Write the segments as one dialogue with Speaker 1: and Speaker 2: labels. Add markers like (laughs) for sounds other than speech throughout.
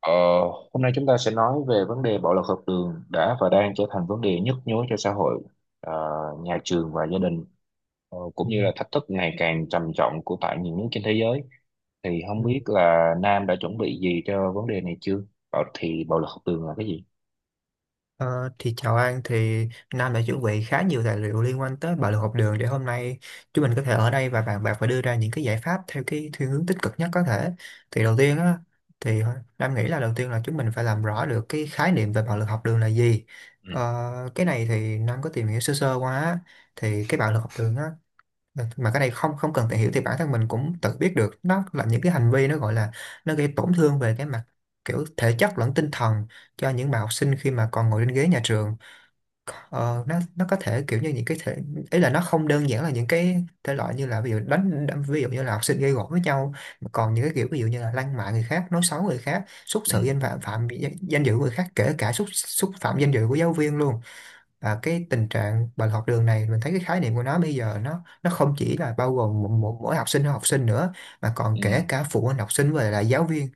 Speaker 1: Ờ, Hôm nay chúng ta sẽ nói về vấn đề bạo lực học đường đã và đang trở thành vấn đề nhức nhối cho xã hội, ờ, nhà trường và gia đình, ờ, cũng
Speaker 2: Ừ,
Speaker 1: như là thách thức ngày càng trầm trọng của tại nhiều nước trên thế giới. Thì không
Speaker 2: ừ.
Speaker 1: biết là Nam đã chuẩn bị gì cho vấn đề này chưa? Bảo thì bạo lực học đường là cái gì?
Speaker 2: Ờ, thì chào An, Nam đã chuẩn bị khá nhiều tài liệu liên quan tới bạo lực học đường để hôm nay chúng mình có thể ở đây và bàn bạc và đưa ra những cái giải pháp theo cái thiên hướng tích cực nhất có thể. Thì đầu tiên á thì Nam nghĩ là đầu tiên là chúng mình phải làm rõ được cái khái niệm về bạo lực học đường là gì.
Speaker 1: Ừ,
Speaker 2: Ờ, cái này thì Nam có tìm hiểu sơ sơ qua á. Thì cái bạo lực học đường á mà cái này không không cần tìm hiểu thì bản thân mình cũng tự biết được, nó là những cái hành vi, nó gọi là nó gây tổn thương về cái mặt kiểu thể chất lẫn tinh thần cho những bạn học sinh khi mà còn ngồi trên ghế nhà trường. Nó có thể kiểu như những cái thể, ý là nó không đơn giản là những cái thể loại như là ví dụ đánh đánh- ví dụ như là học sinh gây gổ với nhau, mà còn những cái kiểu ví dụ như là lăng mạ người khác, nói xấu người khác, xúc sự
Speaker 1: ừ,
Speaker 2: danh phạm phạm danh dự người khác, kể cả xúc xúc phạm danh dự của giáo viên luôn. Và cái tình trạng bạo lực học đường này, mình thấy cái khái niệm của nó bây giờ nó không chỉ là bao gồm mỗi học sinh hay học sinh nữa, mà còn
Speaker 1: ừ,
Speaker 2: kể cả phụ huynh học sinh và là giáo viên.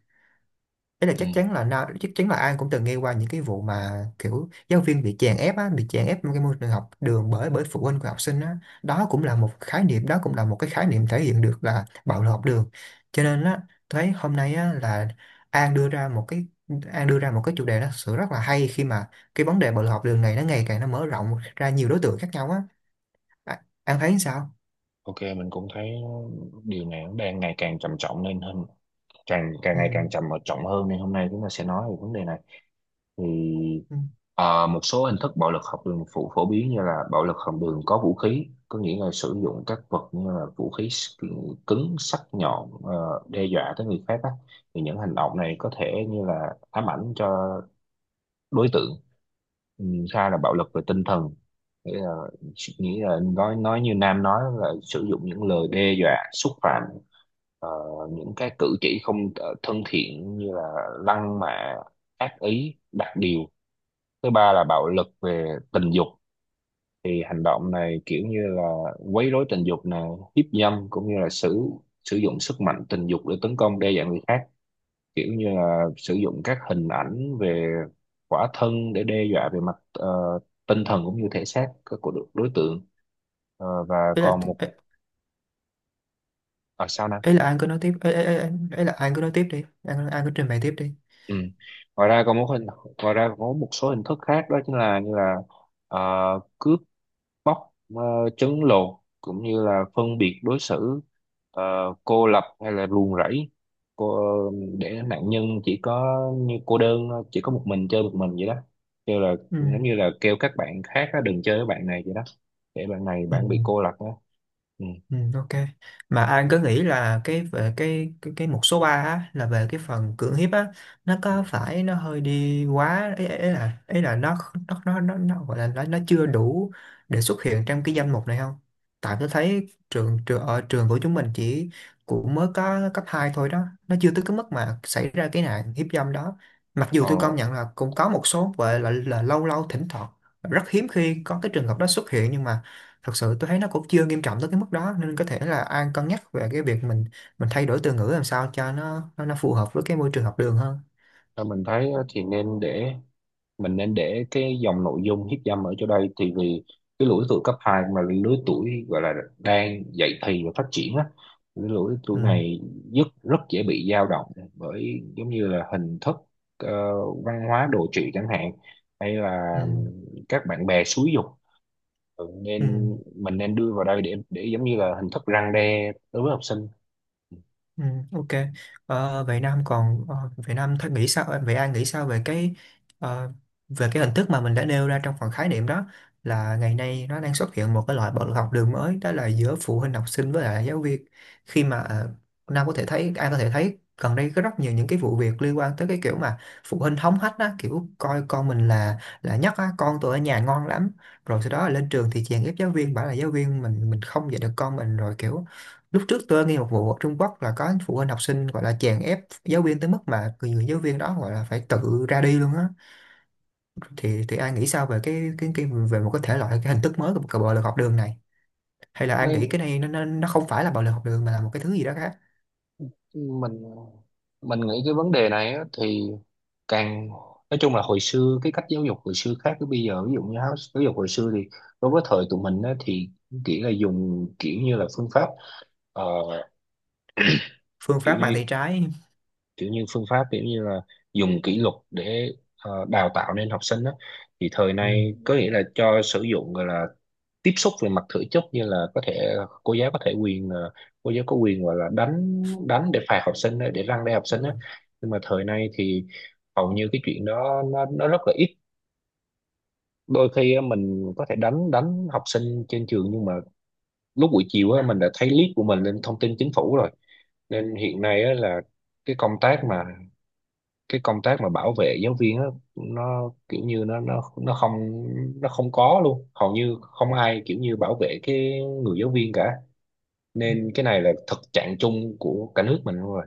Speaker 2: Đấy là
Speaker 1: ừ.
Speaker 2: chắc chắn là nào, chắc chắn là ai cũng từng nghe qua những cái vụ mà kiểu giáo viên bị chèn ép á, bị chèn ép trong cái môi trường học đường bởi bởi phụ huynh của học sinh á. Đó cũng là một khái niệm, đó cũng là một cái khái niệm thể hiện được là bạo lực học đường. Cho nên á, thấy hôm nay á là An đưa ra một cái An đưa ra một cái chủ đề nó thực sự rất là hay, khi mà cái vấn đề bạo lực học đường này nó ngày càng nó mở rộng ra nhiều đối tượng khác nhau á. À, An thấy sao?
Speaker 1: Ok, mình cũng thấy điều này nó đang ngày càng trầm trọng lên hơn, càng càng
Speaker 2: Ừ.
Speaker 1: ngày càng trầm trọng hơn nên hôm nay chúng ta sẽ nói về vấn đề này. Thì
Speaker 2: Ừ.
Speaker 1: ờ, một số hình thức bạo lực học đường phổ phổ biến như là bạo lực học đường có vũ khí, có nghĩa là sử dụng các vật như là vũ khí cứng sắc nhọn ờ, đe dọa tới người khác á. Thì những hành động này có thể như là ám ảnh cho đối tượng. Ừ, hai là bạo lực về tinh thần, nghĩa là nghĩa là nói như Nam nói là sử dụng những lời đe dọa xúc phạm, ờ, những cái cử chỉ không ờ, thân thiện như là lăng mạ, ác ý, đặt điều. Thứ ba là bạo lực về tình dục, thì hành động này kiểu như là quấy rối tình dục này, hiếp dâm, cũng như là sử sử dụng sức mạnh tình dục để tấn công đe dọa người khác, kiểu như là sử dụng các hình ảnh về khỏa thân để đe dọa về mặt ờ, tinh thần cũng như thể xác của đối đối tượng. Ờ, và
Speaker 2: Ý là
Speaker 1: còn một
Speaker 2: ý,
Speaker 1: ở sao Nam.
Speaker 2: ý là An cứ nói tiếp, ý, ý, ý, ý là An cứ nói tiếp đi, An cứ trình bày tiếp đi.
Speaker 1: Ừ. ngoài ra còn một hình Ngoài ra còn có một số hình thức khác, đó chính là như là ờ, cướp bóc, ờ, trấn lột, cũng như là phân biệt đối xử, ờ, cô lập hay là ruồng rẫy, cô để nạn nhân chỉ có như cô đơn, chỉ có một mình, chơi một mình vậy đó, kêu là
Speaker 2: Ừ.
Speaker 1: giống như là kêu các bạn khác á, đừng chơi với bạn này vậy đó, để
Speaker 2: Ừ,
Speaker 1: bạn bị cô lập đó. Ừ.
Speaker 2: ừ, ok, mà anh cứ nghĩ là cái về cái mục số 3 á, là về cái phần cưỡng hiếp á, nó
Speaker 1: Ừ.
Speaker 2: có phải nó hơi đi quá ấy, ấy là nó gọi là nó chưa đủ để xuất hiện trong cái danh mục này không. Tại tôi thấy trường trường ở trường của chúng mình chỉ cũng mới có cấp 2 thôi đó, nó chưa tới cái mức mà xảy ra cái nạn hiếp dâm đó. Mặc dù
Speaker 1: ờ,
Speaker 2: tôi công nhận là cũng có một số gọi là lâu lâu thỉnh thoảng rất hiếm khi có cái trường hợp đó xuất hiện, nhưng mà thật sự tôi thấy nó cũng chưa nghiêm trọng tới cái mức đó, nên có thể là An cân nhắc về cái việc mình thay đổi từ ngữ làm sao cho nó phù hợp với cái môi trường học đường hơn.
Speaker 1: theo mình thấy á, thì nên để mình nên để cái dòng nội dung hiếp dâm ở chỗ đây, thì vì cái lứa tuổi cấp hai, mà lứa tuổi gọi là đang dậy thì và phát triển á, cái lứa
Speaker 2: Ừ.
Speaker 1: tuổi này rất rất dễ bị dao động bởi giống như là hình thức ờ, văn hóa đồ trị chẳng hạn, hay là
Speaker 2: Ừ.
Speaker 1: các bạn bè xúi giục. Ừ,
Speaker 2: Ừ.
Speaker 1: nên mình nên đưa vào đây để giống như là hình thức răn đe đối với học sinh.
Speaker 2: Ừ, ok. Vậy Nam thấy nghĩ sao, vậy An nghĩ sao về ờ, về cái hình thức mà mình đã nêu ra trong phần khái niệm đó, là ngày nay nó đang xuất hiện một cái loại bạo lực học đường mới, đó là giữa phụ huynh học sinh với lại giáo viên. khi mà ờ, Nam có thể thấy, An có thể thấy gần đây có rất nhiều những cái vụ việc liên quan tới cái kiểu mà phụ huynh hống hách á, kiểu coi con mình là nhất á, con tôi ở nhà ngon lắm, rồi sau đó là lên trường thì chèn ép giáo viên, bảo là giáo viên mình không dạy được con mình, rồi kiểu lúc trước tôi nghe một vụ ở Trung Quốc là có phụ huynh học sinh gọi là chèn ép giáo viên tới mức mà người giáo viên đó gọi là phải tự ra đi luôn á. Thì ai nghĩ sao về cái về một cái thể loại, cái hình thức mới của bạo lực học đường này, hay là ai
Speaker 1: Nên
Speaker 2: nghĩ cái này nó không phải là bạo lực học đường mà là một cái thứ gì đó khác?
Speaker 1: mình mình nghĩ cái vấn đề này á, thì càng nói chung là hồi xưa cái cách giáo dục hồi xưa khác với bây giờ, ví dụ như giáo giáo dục hồi xưa thì đối với thời tụi mình á, thì kiểu là dùng kiểu như là phương pháp, ờ,
Speaker 2: Phương
Speaker 1: kiểu
Speaker 2: pháp
Speaker 1: như
Speaker 2: mang tay trái.
Speaker 1: kiểu như phương pháp kiểu như là dùng kỷ luật để ờ, đào tạo nên học sinh đó. Thì thời
Speaker 2: Ừ.
Speaker 1: nay có nghĩa là cho sử dụng gọi là tiếp xúc về mặt thể chất, như là có thể cô giáo có thể quyền, ờ, cô giáo có quyền gọi là đánh đánh để phạt học sinh á, để răn đe học sinh á. Nhưng mà thời nay thì hầu như cái chuyện đó nó rất là ít. Đôi khi á, mình có thể đánh đánh học sinh trên trường, nhưng mà lúc buổi chiều á, mình đã thấy clip của mình lên thông tin chính phủ rồi. Nên hiện nay á, là cái công tác mà cái công tác mà bảo vệ giáo viên á, nó kiểu như nó không, nó không có luôn, hầu như không ai kiểu như bảo vệ cái người giáo viên cả. Nên cái này là thực trạng chung của cả nước mình luôn rồi.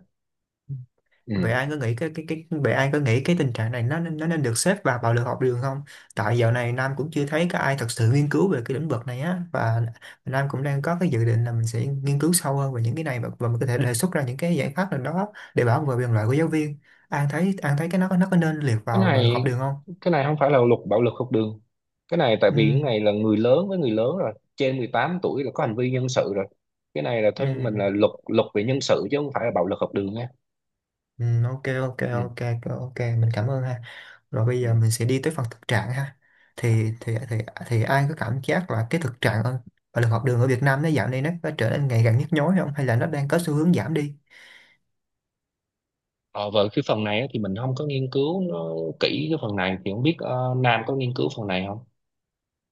Speaker 2: Ừ. Vậy
Speaker 1: Ừ.
Speaker 2: anh có nghĩ cái tình trạng này nó nên được xếp vào bạo lực học đường không? Tại dạo này Nam cũng chưa thấy có ai thật sự nghiên cứu về cái lĩnh vực này á, và Nam cũng đang có cái dự định là mình sẽ nghiên cứu sâu hơn về những cái này, và mình có thể đề xuất ra những cái giải pháp nào đó để bảo vệ quyền lợi của giáo viên. Anh thấy cái nó có nên liệt
Speaker 1: cái
Speaker 2: vào bạo lực học
Speaker 1: này
Speaker 2: đường không?
Speaker 1: cái này không phải là luật bạo lực học đường. Cái này tại
Speaker 2: Ừ.
Speaker 1: vì cái này là người lớn với người lớn rồi, trên 18 tuổi là có hành vi nhân sự rồi. Cái này là
Speaker 2: Ừ.
Speaker 1: thôi mình là luật luật về nhân sự chứ không phải là bạo lực học đường nha.
Speaker 2: Ừ, ok ok
Speaker 1: Ừ.
Speaker 2: ok ok ok, mình cảm ơn ha. Rồi bây giờ
Speaker 1: Ừ.
Speaker 2: mình sẽ đi tới phần thực trạng ha. Thì thì thì thì ai có cảm giác là cái thực trạng ở bạo lực học đường ở Việt Nam nó dạo này nó có trở nên ngày càng nhức nhối không, hay là nó đang có xu hướng giảm đi?
Speaker 1: Ờ, về cái phần này á, thì mình không có nghiên cứu nó kỹ cái phần này, thì không biết ờ, Nam có nghiên cứu phần này không.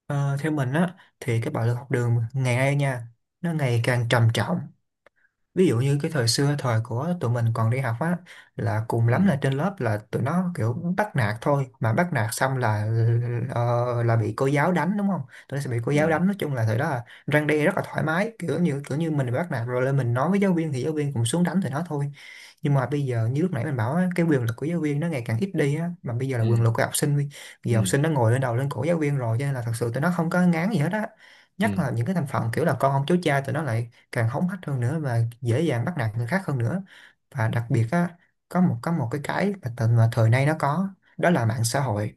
Speaker 2: Ờ, theo mình á thì cái bạo lực học đường ngày nay nha, nó ngày càng trầm trọng. Ví dụ như cái thời xưa, thời của tụi mình còn đi học á, là cùng lắm là
Speaker 1: Ừ.
Speaker 2: trên lớp là tụi nó kiểu bắt nạt thôi, mà bắt nạt xong là là bị cô giáo đánh đúng không, tụi nó sẽ bị cô
Speaker 1: Ừ.
Speaker 2: giáo đánh. Nói chung là thời đó là răn đe rất là thoải mái, kiểu như mình bị bắt nạt rồi lên mình nói với giáo viên thì giáo viên cũng xuống đánh tụi nó thôi. Nhưng mà bây giờ như lúc nãy mình bảo á, cái quyền lực của giáo viên nó ngày càng ít đi á, mà bây giờ là
Speaker 1: Ừ.
Speaker 2: quyền lực của học sinh, bây
Speaker 1: Ừ.
Speaker 2: giờ học sinh nó ngồi lên đầu lên cổ giáo viên rồi, cho nên là thật sự tụi nó không có ngán gì hết á.
Speaker 1: Ừ.
Speaker 2: Nhất là những cái thành phần kiểu là con ông cháu cha, tụi nó lại càng hống hách hơn nữa và dễ dàng bắt nạt người khác hơn nữa. Và đặc biệt á, có một cái mà thời nay nó có, đó là mạng xã hội.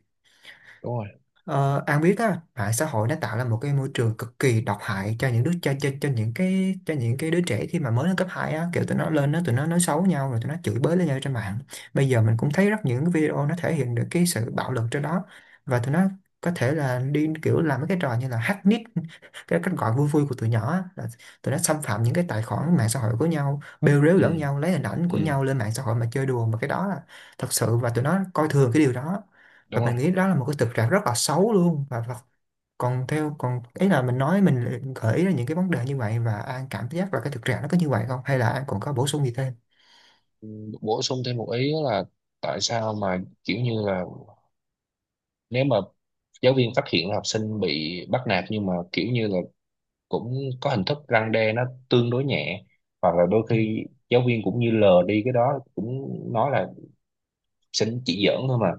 Speaker 1: Đúng rồi.
Speaker 2: Ờ, An biết á, mạng xã hội nó tạo ra một cái môi trường cực kỳ độc hại cho những đứa cho những cái đứa trẻ khi mà mới lên cấp 2 á, kiểu tụi nó lên tụi nó nói xấu nhau, rồi tụi nó chửi bới lên nhau trên mạng. Bây giờ mình cũng thấy rất những cái video nó thể hiện được cái sự bạo lực trên đó, và tụi nó có thể là đi kiểu làm mấy cái trò như là hack nick (laughs) cái cách gọi vui vui của tụi nhỏ á, là tụi nó xâm phạm những cái tài khoản mạng xã hội của nhau, bêu rếu lẫn
Speaker 1: Ừ.
Speaker 2: nhau, lấy hình ảnh của
Speaker 1: Ừ.
Speaker 2: nhau lên mạng xã hội mà chơi đùa. Mà cái đó là thật sự, và tụi nó coi thường cái điều đó.
Speaker 1: Đúng
Speaker 2: Và
Speaker 1: rồi.
Speaker 2: mình nghĩ đó là một cái thực trạng rất là xấu luôn. Và, và còn theo còn ý là mình nói, mình lại gợi ý ra những cái vấn đề như vậy, và An cảm giác là cái thực trạng nó có như vậy không, hay là An còn có bổ sung gì thêm?
Speaker 1: Ừ, bổ sung thêm một ý đó là tại sao mà kiểu như là nếu mà giáo viên phát hiện là học sinh bị bắt nạt, nhưng mà kiểu như là cũng có hình thức răn đe nó tương đối nhẹ, hoặc là đôi
Speaker 2: Ừ,
Speaker 1: khi giáo viên cũng như lờ đi cái đó, cũng nói là học sinh chỉ giỡn thôi mà.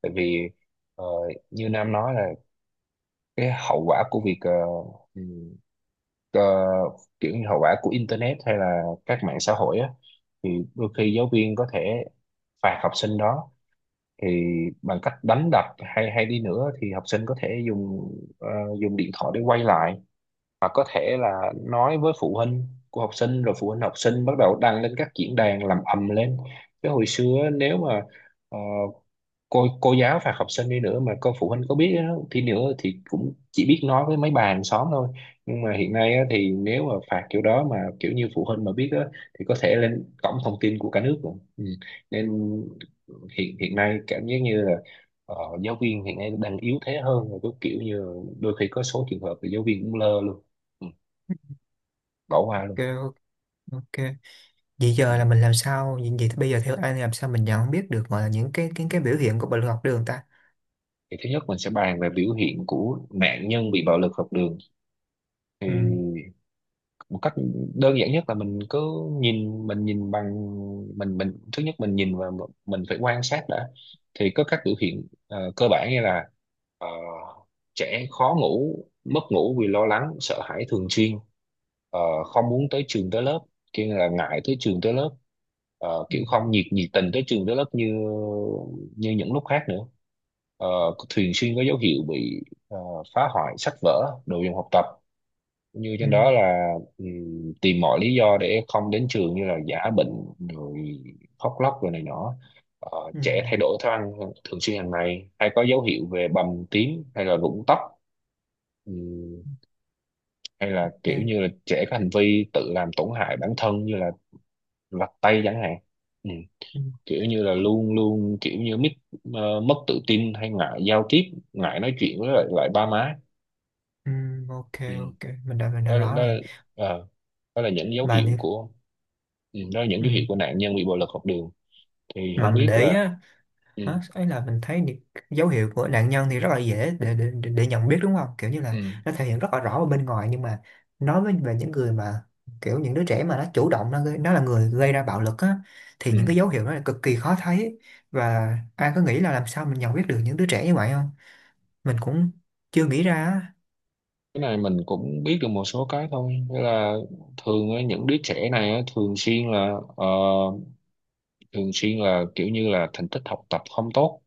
Speaker 1: Tại vì ờ, như Nam nói là cái hậu quả của việc, ờ, ừ, ờ, kiểu như hậu quả của internet hay là các mạng xã hội á, thì đôi khi giáo viên có thể phạt học sinh đó thì bằng cách đánh đập hay hay đi nữa, thì học sinh có thể ờ, dùng điện thoại để quay lại, hoặc có thể là nói với phụ huynh của học sinh, rồi phụ huynh học sinh bắt đầu đăng lên các diễn đàn làm ầm lên. Chứ hồi xưa á, nếu mà ờ, cô giáo phạt học sinh đi nữa mà cô phụ huynh có biết á, thì nữa thì cũng chỉ biết nói với mấy bà hàng xóm thôi. Nhưng mà hiện nay á, thì nếu mà phạt kiểu đó mà kiểu như phụ huynh mà biết á, thì có thể lên cổng thông tin của cả nước rồi. Ừ. Nên hiện hiện nay cảm giác như là ờ, giáo viên hiện nay đang yếu thế hơn rồi, có kiểu như là đôi khi có số trường hợp thì giáo viên cũng lơ luôn, ừ, bỏ qua luôn.
Speaker 2: ok, ok, vậy
Speaker 1: Ừ.
Speaker 2: giờ là mình làm sao, vậy vậy thì bây giờ theo An làm sao mình nhận biết được gọi là những cái biểu hiện của bệnh học đường ta?
Speaker 1: Thì thứ nhất mình sẽ bàn về biểu hiện của nạn nhân bị bạo lực học đường. Thì
Speaker 2: Ừ.
Speaker 1: một cách đơn giản nhất là mình cứ nhìn bằng mình thứ nhất mình nhìn và mình phải quan sát đã. Thì có các biểu hiện ờ, cơ bản như là ờ, trẻ khó ngủ, mất ngủ vì lo lắng sợ hãi thường xuyên, ờ, không muốn tới trường tới lớp, kia là ngại tới trường tới lớp, ờ,
Speaker 2: Ừ.
Speaker 1: kiểu không nhiệt nhiệt tình tới trường tới lớp như như những lúc khác nữa. Ờ, thường xuyên có dấu hiệu bị ờ, phá hoại sách vở đồ dùng học tập, như trên đó
Speaker 2: Ừ.
Speaker 1: là tìm mọi lý do để không đến trường như là giả bệnh rồi khóc lóc rồi này nọ. Ờ,
Speaker 2: Ừ.
Speaker 1: trẻ thay đổi thức ăn thường xuyên hàng ngày, hay có dấu hiệu về bầm tím hay là rụng tóc, Ừm, hay là
Speaker 2: Ok.
Speaker 1: kiểu như là trẻ có hành vi tự làm tổn hại bản thân như là lặt tay chẳng hạn, Ừm,
Speaker 2: ừ,
Speaker 1: kiểu như là luôn luôn kiểu như mít, ờ, mất tự tin hay ngại giao tiếp, ngại nói chuyện với lại, lại ba má.
Speaker 2: ừ, ok,
Speaker 1: Ừm,
Speaker 2: ok mình đã
Speaker 1: đó,
Speaker 2: rõ
Speaker 1: đó,
Speaker 2: rồi.
Speaker 1: ờ, đó là những dấu
Speaker 2: Mà
Speaker 1: hiệu
Speaker 2: đi.
Speaker 1: của, ừ, đó là những
Speaker 2: Ừ.
Speaker 1: dấu hiệu của nạn nhân bị bạo lực học đường. Thì
Speaker 2: Mà
Speaker 1: không
Speaker 2: mình
Speaker 1: biết
Speaker 2: để ý
Speaker 1: là,
Speaker 2: á,
Speaker 1: ừ,
Speaker 2: đó ấy là mình thấy những dấu hiệu của nạn nhân thì rất là dễ để, để nhận biết đúng không, kiểu như là
Speaker 1: ừ,
Speaker 2: nó thể hiện rất là rõ ở bên ngoài. Nhưng mà nói với về những người mà kiểu những đứa trẻ mà nó chủ động nó là người gây ra bạo lực á, thì những
Speaker 1: ừ.
Speaker 2: cái dấu hiệu đó là cực kỳ khó thấy. Và ai có nghĩ là làm sao mình nhận biết được những đứa trẻ như vậy không? Mình cũng chưa nghĩ ra á.
Speaker 1: Cái này mình cũng biết được một số cái thôi. Thế là thường á, những đứa trẻ này á, thường xuyên là ờ, thường xuyên là kiểu như là thành tích học tập không tốt,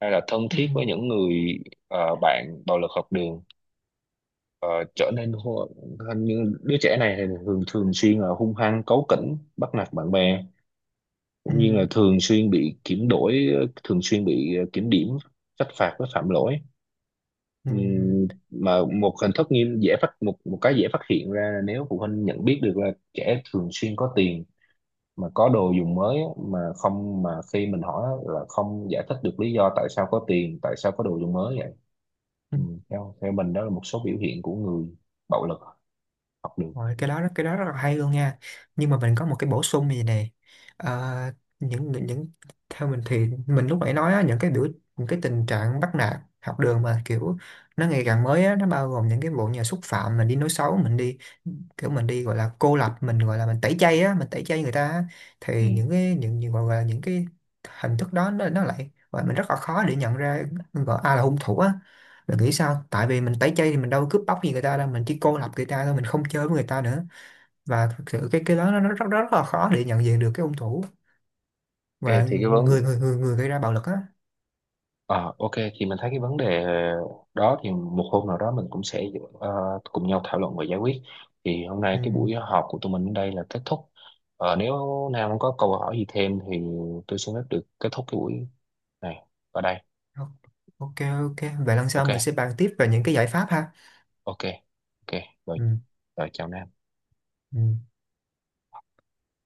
Speaker 1: hay là thân
Speaker 2: ừ,
Speaker 1: thiết với những người ờ, bạn bạo lực học đường. Ờ, trở nên hô- hình như đứa trẻ này thì thường thường xuyên là hung hăng, cáu kỉnh, bắt nạt bạn bè,
Speaker 2: ừ,
Speaker 1: cũng như là thường xuyên bị kiểm đổi, thường xuyên bị ờ, kiểm điểm, trách phạt với phạm lỗi.
Speaker 2: ừ,
Speaker 1: Mà một hình thức nghiêm dễ phát một một cái dễ phát hiện ra là nếu phụ huynh nhận biết được là trẻ thường xuyên có tiền mà có đồ dùng mới á, mà không mà khi mình hỏi á, là không giải thích được lý do tại sao có tiền, tại sao có đồ dùng mới vậy.
Speaker 2: ừ.
Speaker 1: Theo theo mình đó là một số biểu hiện của người bạo lực học đường.
Speaker 2: Rồi, cái đó rất là hay luôn nha, nhưng mà mình có một cái bổ sung gì này. Ờ, những những những- Theo mình thì mình lúc nãy nói á, những cái tình trạng bắt nạt học đường mà kiểu nó ngày càng mới á, nó bao gồm những cái vụ nhà xúc phạm mình đi, nói xấu mình đi, kiểu mình đi gọi là cô lập mình, gọi là mình tẩy chay á, mình tẩy chay người ta á, thì
Speaker 1: Ừm,
Speaker 2: những cái những gọi là những cái hình thức đó nó lại và mình rất là khó để nhận ra gọi ai là hung thủ á. Mình nghĩ sao, tại vì mình tẩy chay thì mình đâu cướp bóc gì người ta đâu, mình chỉ cô lập người ta thôi, mình không chơi với người ta nữa. Và thực sự cái đó nó rất rất là khó để nhận diện được cái hung thủ
Speaker 1: ok
Speaker 2: và
Speaker 1: thì cái vấn
Speaker 2: người người gây ra bạo lực á.
Speaker 1: Ờ, ok thì mình thấy cái vấn đề đó thì một hôm nào đó mình cũng sẽ ờ, cùng nhau thảo luận và giải quyết. Thì hôm nay
Speaker 2: Ừ.
Speaker 1: cái buổi họp của tụi mình đến đây là kết thúc. Ờ, nếu Nam không có câu hỏi gì thêm thì tôi xin phép được kết thúc cái buổi này ở đây.
Speaker 2: Ok, ok, vậy lần sau
Speaker 1: Ok
Speaker 2: mình sẽ bàn tiếp về những cái giải pháp ha.
Speaker 1: ok ok, rồi,
Speaker 2: Ừ.
Speaker 1: rồi chào Nam.
Speaker 2: Ừ.